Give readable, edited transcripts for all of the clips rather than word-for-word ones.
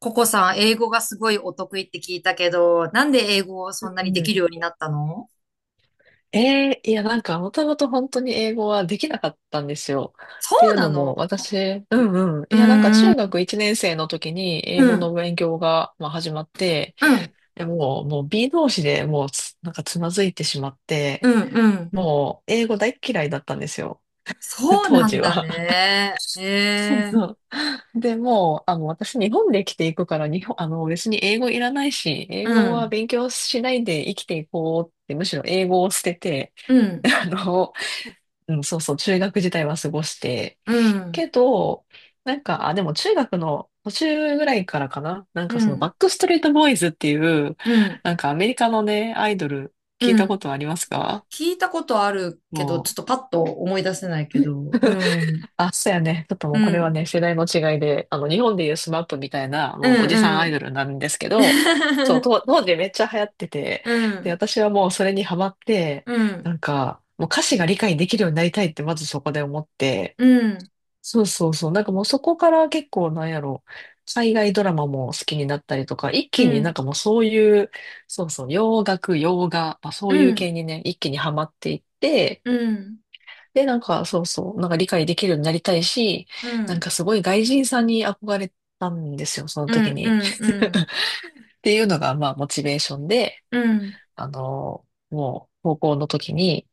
ココさん、英語がすごいお得意って聞いたけど、なんで英語をそうんなにんでうきるん。ようになったの？もともと本当に英語はできなかったんですよ。っそていううなのも、の？私、うー中ん、学1年生の時にう英語ん、の勉強が、始まって、うん、でもう、もう B 同士でもうつ、なんか、つまずいてしまっうて、ん、うん。もう、英語大っ嫌いだったんですよ。そう当なん時だは。ね。へそうえ、そう。でもう、あの、私、日本で生きていくから、日本、あの、別に英語いらないし、英う語はん、勉強しないで生きていこうって、むしろ英語を捨てて、う ん、あの、中学時代は過ごして。うん、けど、でも中学の途中ぐらいからかな。なんかうそのバん、ックストリートボーイズっていう、うん、なんかアメリカのね、アイドル聞いうたこん。とありますか？聞いたことあるけど、ちょもっとパッと思い出せないけう。ど、うん、あ、そうやね。ちょっともううこれはん、ね、世代の違いで、日本でいうスマップみたいな、うもうおじさん、んアうイん。ドルなんですけど、そう、当時めっちゃ流行ってて、うで、ん、私はもうそれにハマって、うん、もう歌詞が理解できるようになりたいってまずそこで思って、うん、そうそうそう。なんかもうそこから結構なんやろ、海外ドラマも好きになったりとか、一う気になんん、かもうそういう、そうそう、洋楽、洋画、まあ、そうういうん、系にね、一気にハマっていって、うん、で、理解できるようになりたいし、うなんん。かすごい外人さんに憧れたんですよ、そのう時んうに。ん うんっていうのが、まあ、モチベーションで、うん。高校の時に、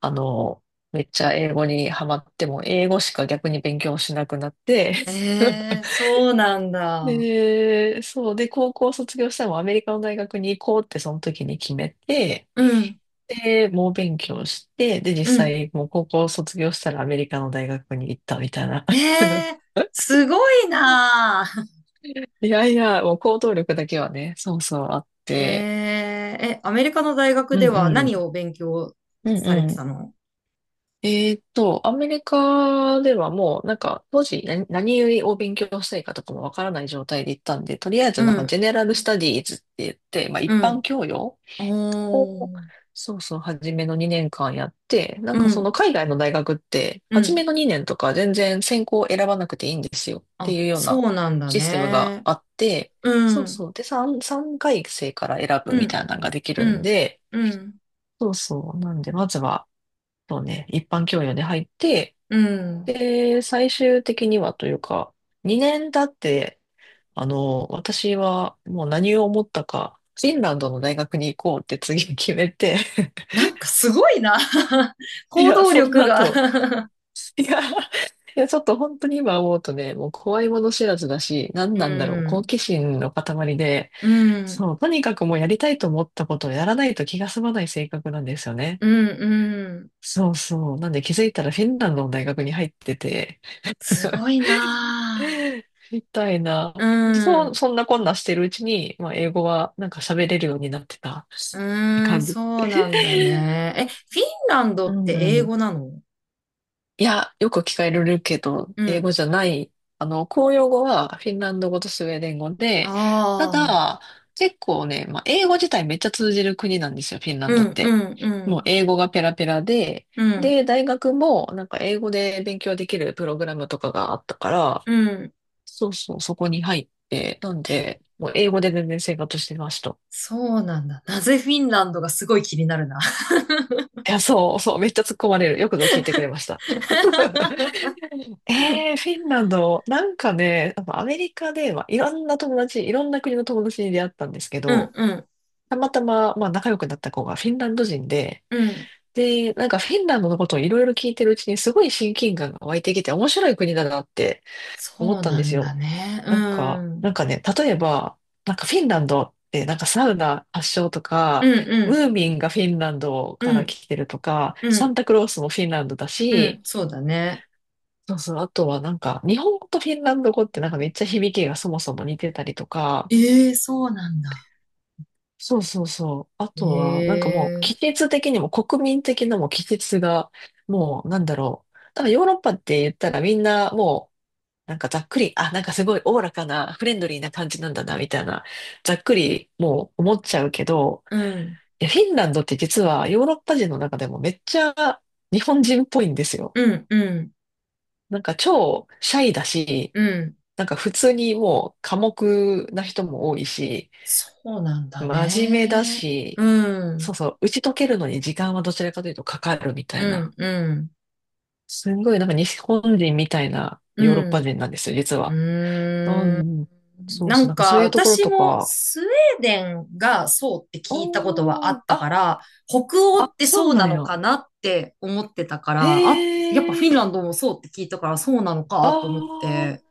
あの、めっちゃ英語にハマっても、英語しか逆に勉強しなくなって、え え、そうなんだ。で、そう。で、高校卒業したらもうアメリカの大学に行こうってその時に決めて、うんで、猛勉強して、で、実うん。際、もう高校卒業したらアメリカの大学に行ったみたいな。ええ、すごいなあ。いやいや、もう行動力だけはね、そうそうあっ えて。え、え、アメリカの大学うでんはう何ん。を勉強うんされうてたん。の？アメリカではもう、なんか、当時何を勉強したいかとかもわからない状態で行ったんで、とりあえうずなんか、んジェネラルスタディーズって言って、まあ、う一般ん。教養おを、ー。そうそう、初めの2年間やって、なんうかそのん海外の大学って、う初ん。めの2年とか全然専攻を選ばなくていいんですよってあ、いうようなそうなんだシステムがね。あって、うそうんそう。で、3、三回生から選ぶうみんたいなのができるうんんで、うんそうそう。なんで、まずは、そうね、一般教養で入って、うん。で、最終的にはというか、2年経って、私はもう何を思ったか、フィンランドの大学に行こうって次決めて。なんかすごいな。い行や、動そん力なが。 後、いや、いや、ちょっと本当に今思うとね、もう怖いもの知らずだし、何うなんだろう、好ん。奇心の塊で、うんそう、とにかくもうやりたいと思ったことをやらないと気が済まない性格なんですよね。うんうん。そうそう。なんで気づいたらフィンランドの大学に入ってて、すごいなみたいな。ぁ。うそう、ん。そんなこんなしてるうちに、まあ、英語はなんか喋れるようになってたうーん、感じ。そうなんだ ね。え、フィンランドうってんう英ん。語なの？いや、よく聞かれるけど、う英ん。語じゃない。公用語はフィンランド語とスウェーデン語あで、たあ。だ、結構ね、まあ、英語自体めっちゃ通じる国なんですよ、フィンランうドっんうて。んうもうん。英語がペラペラで、うん。で、大学もなんか英語で勉強できるプログラムとかがあったから、うん。そうそう、そこに入って、なんで、もう英語で全然生活してました。そうなんだ。なぜフィンランドがすごい気になるな。いや、そう、めっちゃ突っ込まれる。よくぞ聞いてくれました。ええフィンランド、なんかね、やっぱアメリカで、まあ、いろんな友達、いろんな国の友達に出会ったんですけうんど、うんたまたま、まあ、仲良くなった子がフィンランド人で、うん。で、なんかフィンランドのことをいろいろ聞いてるうちにすごい親近感が湧いてきて面白い国だなって思っそうたんなですんだよ。ね。うん。例えば、なんかフィンランドってなんかサウナ発祥とうか、んうムんーミンがフィンランドかうらん来てるとか、うサンんタクロースもフィンランドだうん。し、そうだね。そうそう。あとはなんか、日本語とフィンランド語ってなんかめっちゃ響きがそもそも似てたりとか、ええ、そうなんだ。そうそうそう。あとは、なんかえもう、季え。節的にも国民的なもう季節が、なんだろう。多分ヨーロッパって言ったらみんなもう、なんかざっくり、なんかすごいおおらかな、フレンドリーな感じなんだな、みたいな、ざっくりもう思っちゃうけど、うんいや、フィンランドって実はヨーロッパ人の中でもめっちゃ日本人っぽいんですよ。うんうん。なんか超シャイだし、うん、なんか普通にもう寡黙な人も多いし、そうなんだ真面目だね。し、うそん、うそう、打ち解けるのに時間はどちらかというとかかるみたういな。ん、うん、すんごいなんか日本人みたいなうヨーロッパん、人なんですよ、実うは。うーん。ん、そうなそう、んなんかそか、ういうところ私ともか、スウェーデンがそうって聞いたことはあおっー、たから、北欧ってそそううななんのや。かなって思ってたかへら、あ、やっぱフィンえ、ランドもそうって聞いたから、そうなのあかと思っー、て、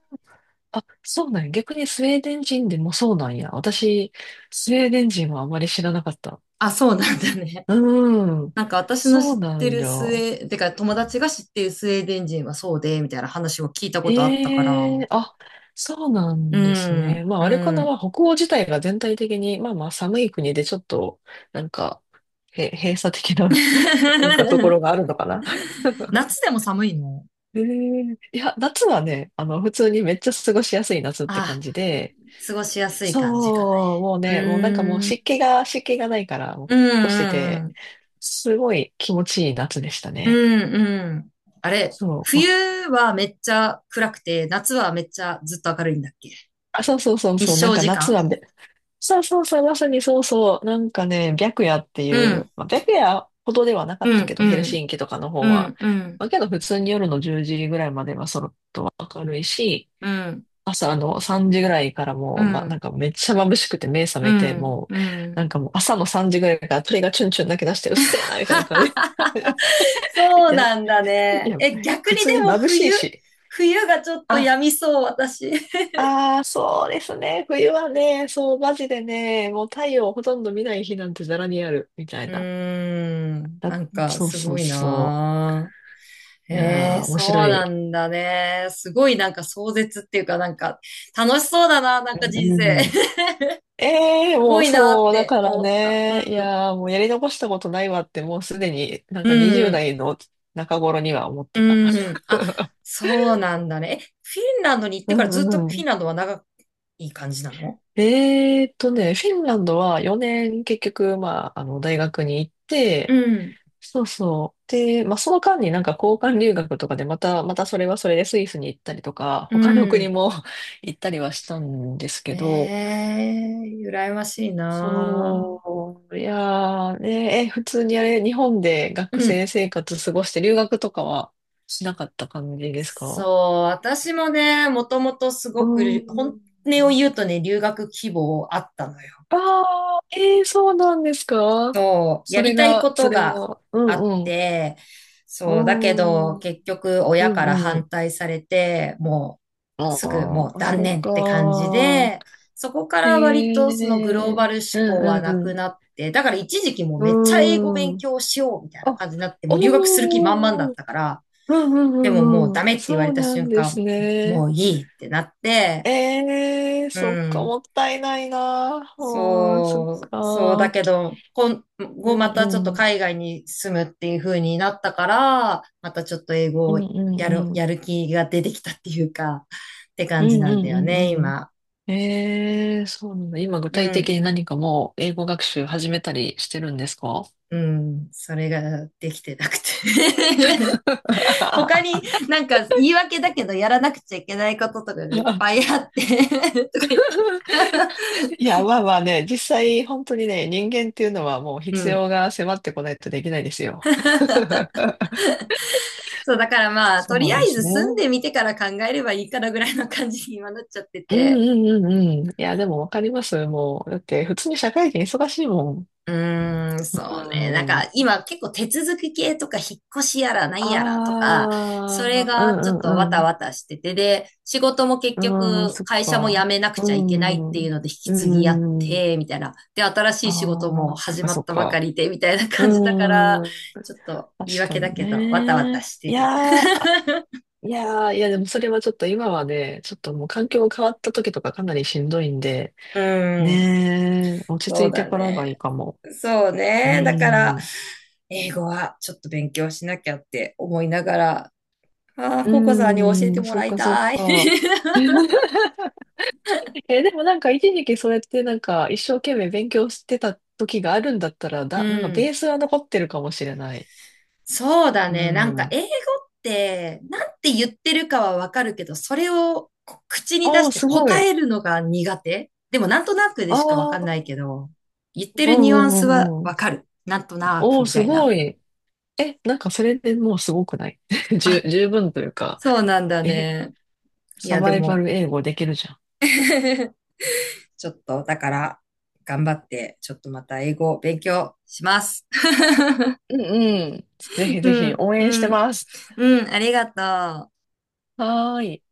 あ、そうなんや。逆にスウェーデン人でもそうなんや。私、スウェーデン人はあまり知らなかった。あ、そうなんだね。うーん、なんか私のそ知っうなてんるだ。スウェー、てか友達が知ってるスウェーデン人はそうで、みたいな話を聞いたことあったかえら。えあ、そうなうんですね。ん、まうあ、あれかな、まん。あ、北欧自体が全体的に、まあまあ、寒い国でちょっと、なんか、閉鎖的な、なんかとこ ろがあるのかな。夏でも寒いの？いや、夏はね、普通にめっちゃ過ごしやすい夏って感あじで、あ、過ごしやすい感じかな。そう、もううね、もうなんかもうーん、湿気が、湿気がないから、もう、うカッとしてん、て、うん、すごい気持ちいい夏でしたうね。ん、うんうん。あれ、そう、ま冬あ、はめっちゃ暗くて、夏はめっちゃずっと明るいんだっけ？そうそうそう日そう、なん照か時夏間。はべそうそうそう、まさにそうそう。なんかね、白夜っていうう、ん、まあ、白夜ほどではなかっうたけん、ど、うヘルん、シンキとかの方うは。ん、うん、まあ、けど普通に夜の10時ぐらいまではそろっと明るいし、うん、朝の3時ぐらいからうもう、なんん、かめっちゃ眩しくて目覚うめて、ん、もうう、なん。んかもう朝の3時ぐらいから鳥がチュンチュン鳴き出して、うっせえな、みたいな感じで。そいうや、ないんだね。や、え、逆に普通でにも眩し冬、いし。冬がちょっとあ病みそう、私。ああ、そうですね。冬はね、そう、マジでね、もう太陽をほとんど見ない日なんてざらにある、みたいうーな。ん、だなんかそうすそごういそなぁ。う。いえやえ、ー、面そ白うない。んだね。すごいなんか壮絶っていうかなんか楽しそうだな、なんうかん人うん生。うん ええーすもごういなっそう、だてから思った。うん、ね、いやー、もうやり残したことないわって、もうすでになんうか20ん、代の中頃には思ってうた。ん。あ、そうなんだね。え、フィンランドに行ってうからんうずっんとフうィンん。ランドは長い感じなの？フィンランドは4年結局、まあ、大学に行っうて、ん、そうそう。で、まあ、その間になんか交換留学とかでまたそれはそれでスイスに行ったりとか、う他の国ん。も 行ったりはしたんですえけど、え、羨ましいなぁ。そう、いやーね、え、普通にあれ、日本でう学ん。生生活過ごして留学とかはしなかった感じですか？そう、私もね、もともとすうごく、本ん。音を言うとね、留学希望あったのよ。ああ、えー、そうなんですか？そう、やそりれたいこが、そとれがが、うあっんうん。て、そう、だけど、おー、結局、う親からんう反ん。対されて、もう、あすぐもうあ、断そっ念っか。て感じで、そこかへら割え、とそのグローうバんル思考はなくうなって、だから一時期もうめっちゃ英語ん。う勉ん。強しようみたいなあ、感じになって、もう留学する気満々だおっー、たから、うんうんでももううんうダん。メって言わそれうたなん瞬です間、もね。ういいってなって、ええ、うそっか、ん。もったいないな。うん、そっそう、そうか。うだん。けど、今後まうたちょっとん。海外に住むっていう風になったから、またちょっと英語うをんうやんる、うん。やる気が出てきたっていうか、ってう感じんなうんだんようんね、うん。今。ええ、そうなんだ。今具う体的ん、に何かもう英語学習始めたりしてるんですか？ うん、それができてなくて。 他になんか言い訳だけどやらなくちゃいけないこととかがいっぱ いあって とか言って。 いや、まあまあね、実際本当にね、人間っていうのはもう う必ん。要が迫ってこないとできないですよ。そう、だからまあ、とりそうあでえすずね。住んうでみてから考えればいいからぐらいの感じに今なっちゃってんうて。んうんうん。いや、でもわかります。もう、だって普通に社会人忙しいもん。うーん、そうね。なんうかん。今結構手続き系とか引っ越しやら何あやらとか、それあ、うがちょっんとわうたんわたしてて、で、仕事も結うん。うん、局そっ会社も辞か。めなくうちゃいけないっていん。うので引きう継ぎやって、ん。みたいな。で、新しい仕事あもあ、そっ始かまそっったばかか。りで、みたいな感じだから、うん。ちょっと言い確か訳だにけど、わたわたね。している。やーいやー、いやでもそれはちょっと今はね、ちょっともう環境が変わった時とかかなりしんどいんで、うん。ねー、落ちそ着ういてだからがいいね。かも。そううね。だかーら、ん。英語はちょっと勉強しなきゃって思いながら、ああ、うココさんに教えてん、もそうらいかそうたい。か。え、でもなんか一時期それってなんか一生懸命勉強してた時があるんだったら、うなんかベん。ースは残ってるかもしれない。そうだうね。なんか英語ん。って、なんて言ってるかはわかるけど、それをこう口に出あしあ、てすご答い。えるのが苦手。でもなんとなくであしかわあ、かんないけど、言ってうるニんうュアンんうスはんうん。わかる。なんとなおくお、みたすいな。ごい。え、なんかそれでもうすごくない？ あ、十分というか。そうなんだえ、ね。いサや、でバイバも ル英語できるじゃん。ちょっと、だから、頑張って、ちょっとまた英語を勉強します。うんうん。ぜひうぜひん、応援しうてん、ます。うん、ありがとう。はーい。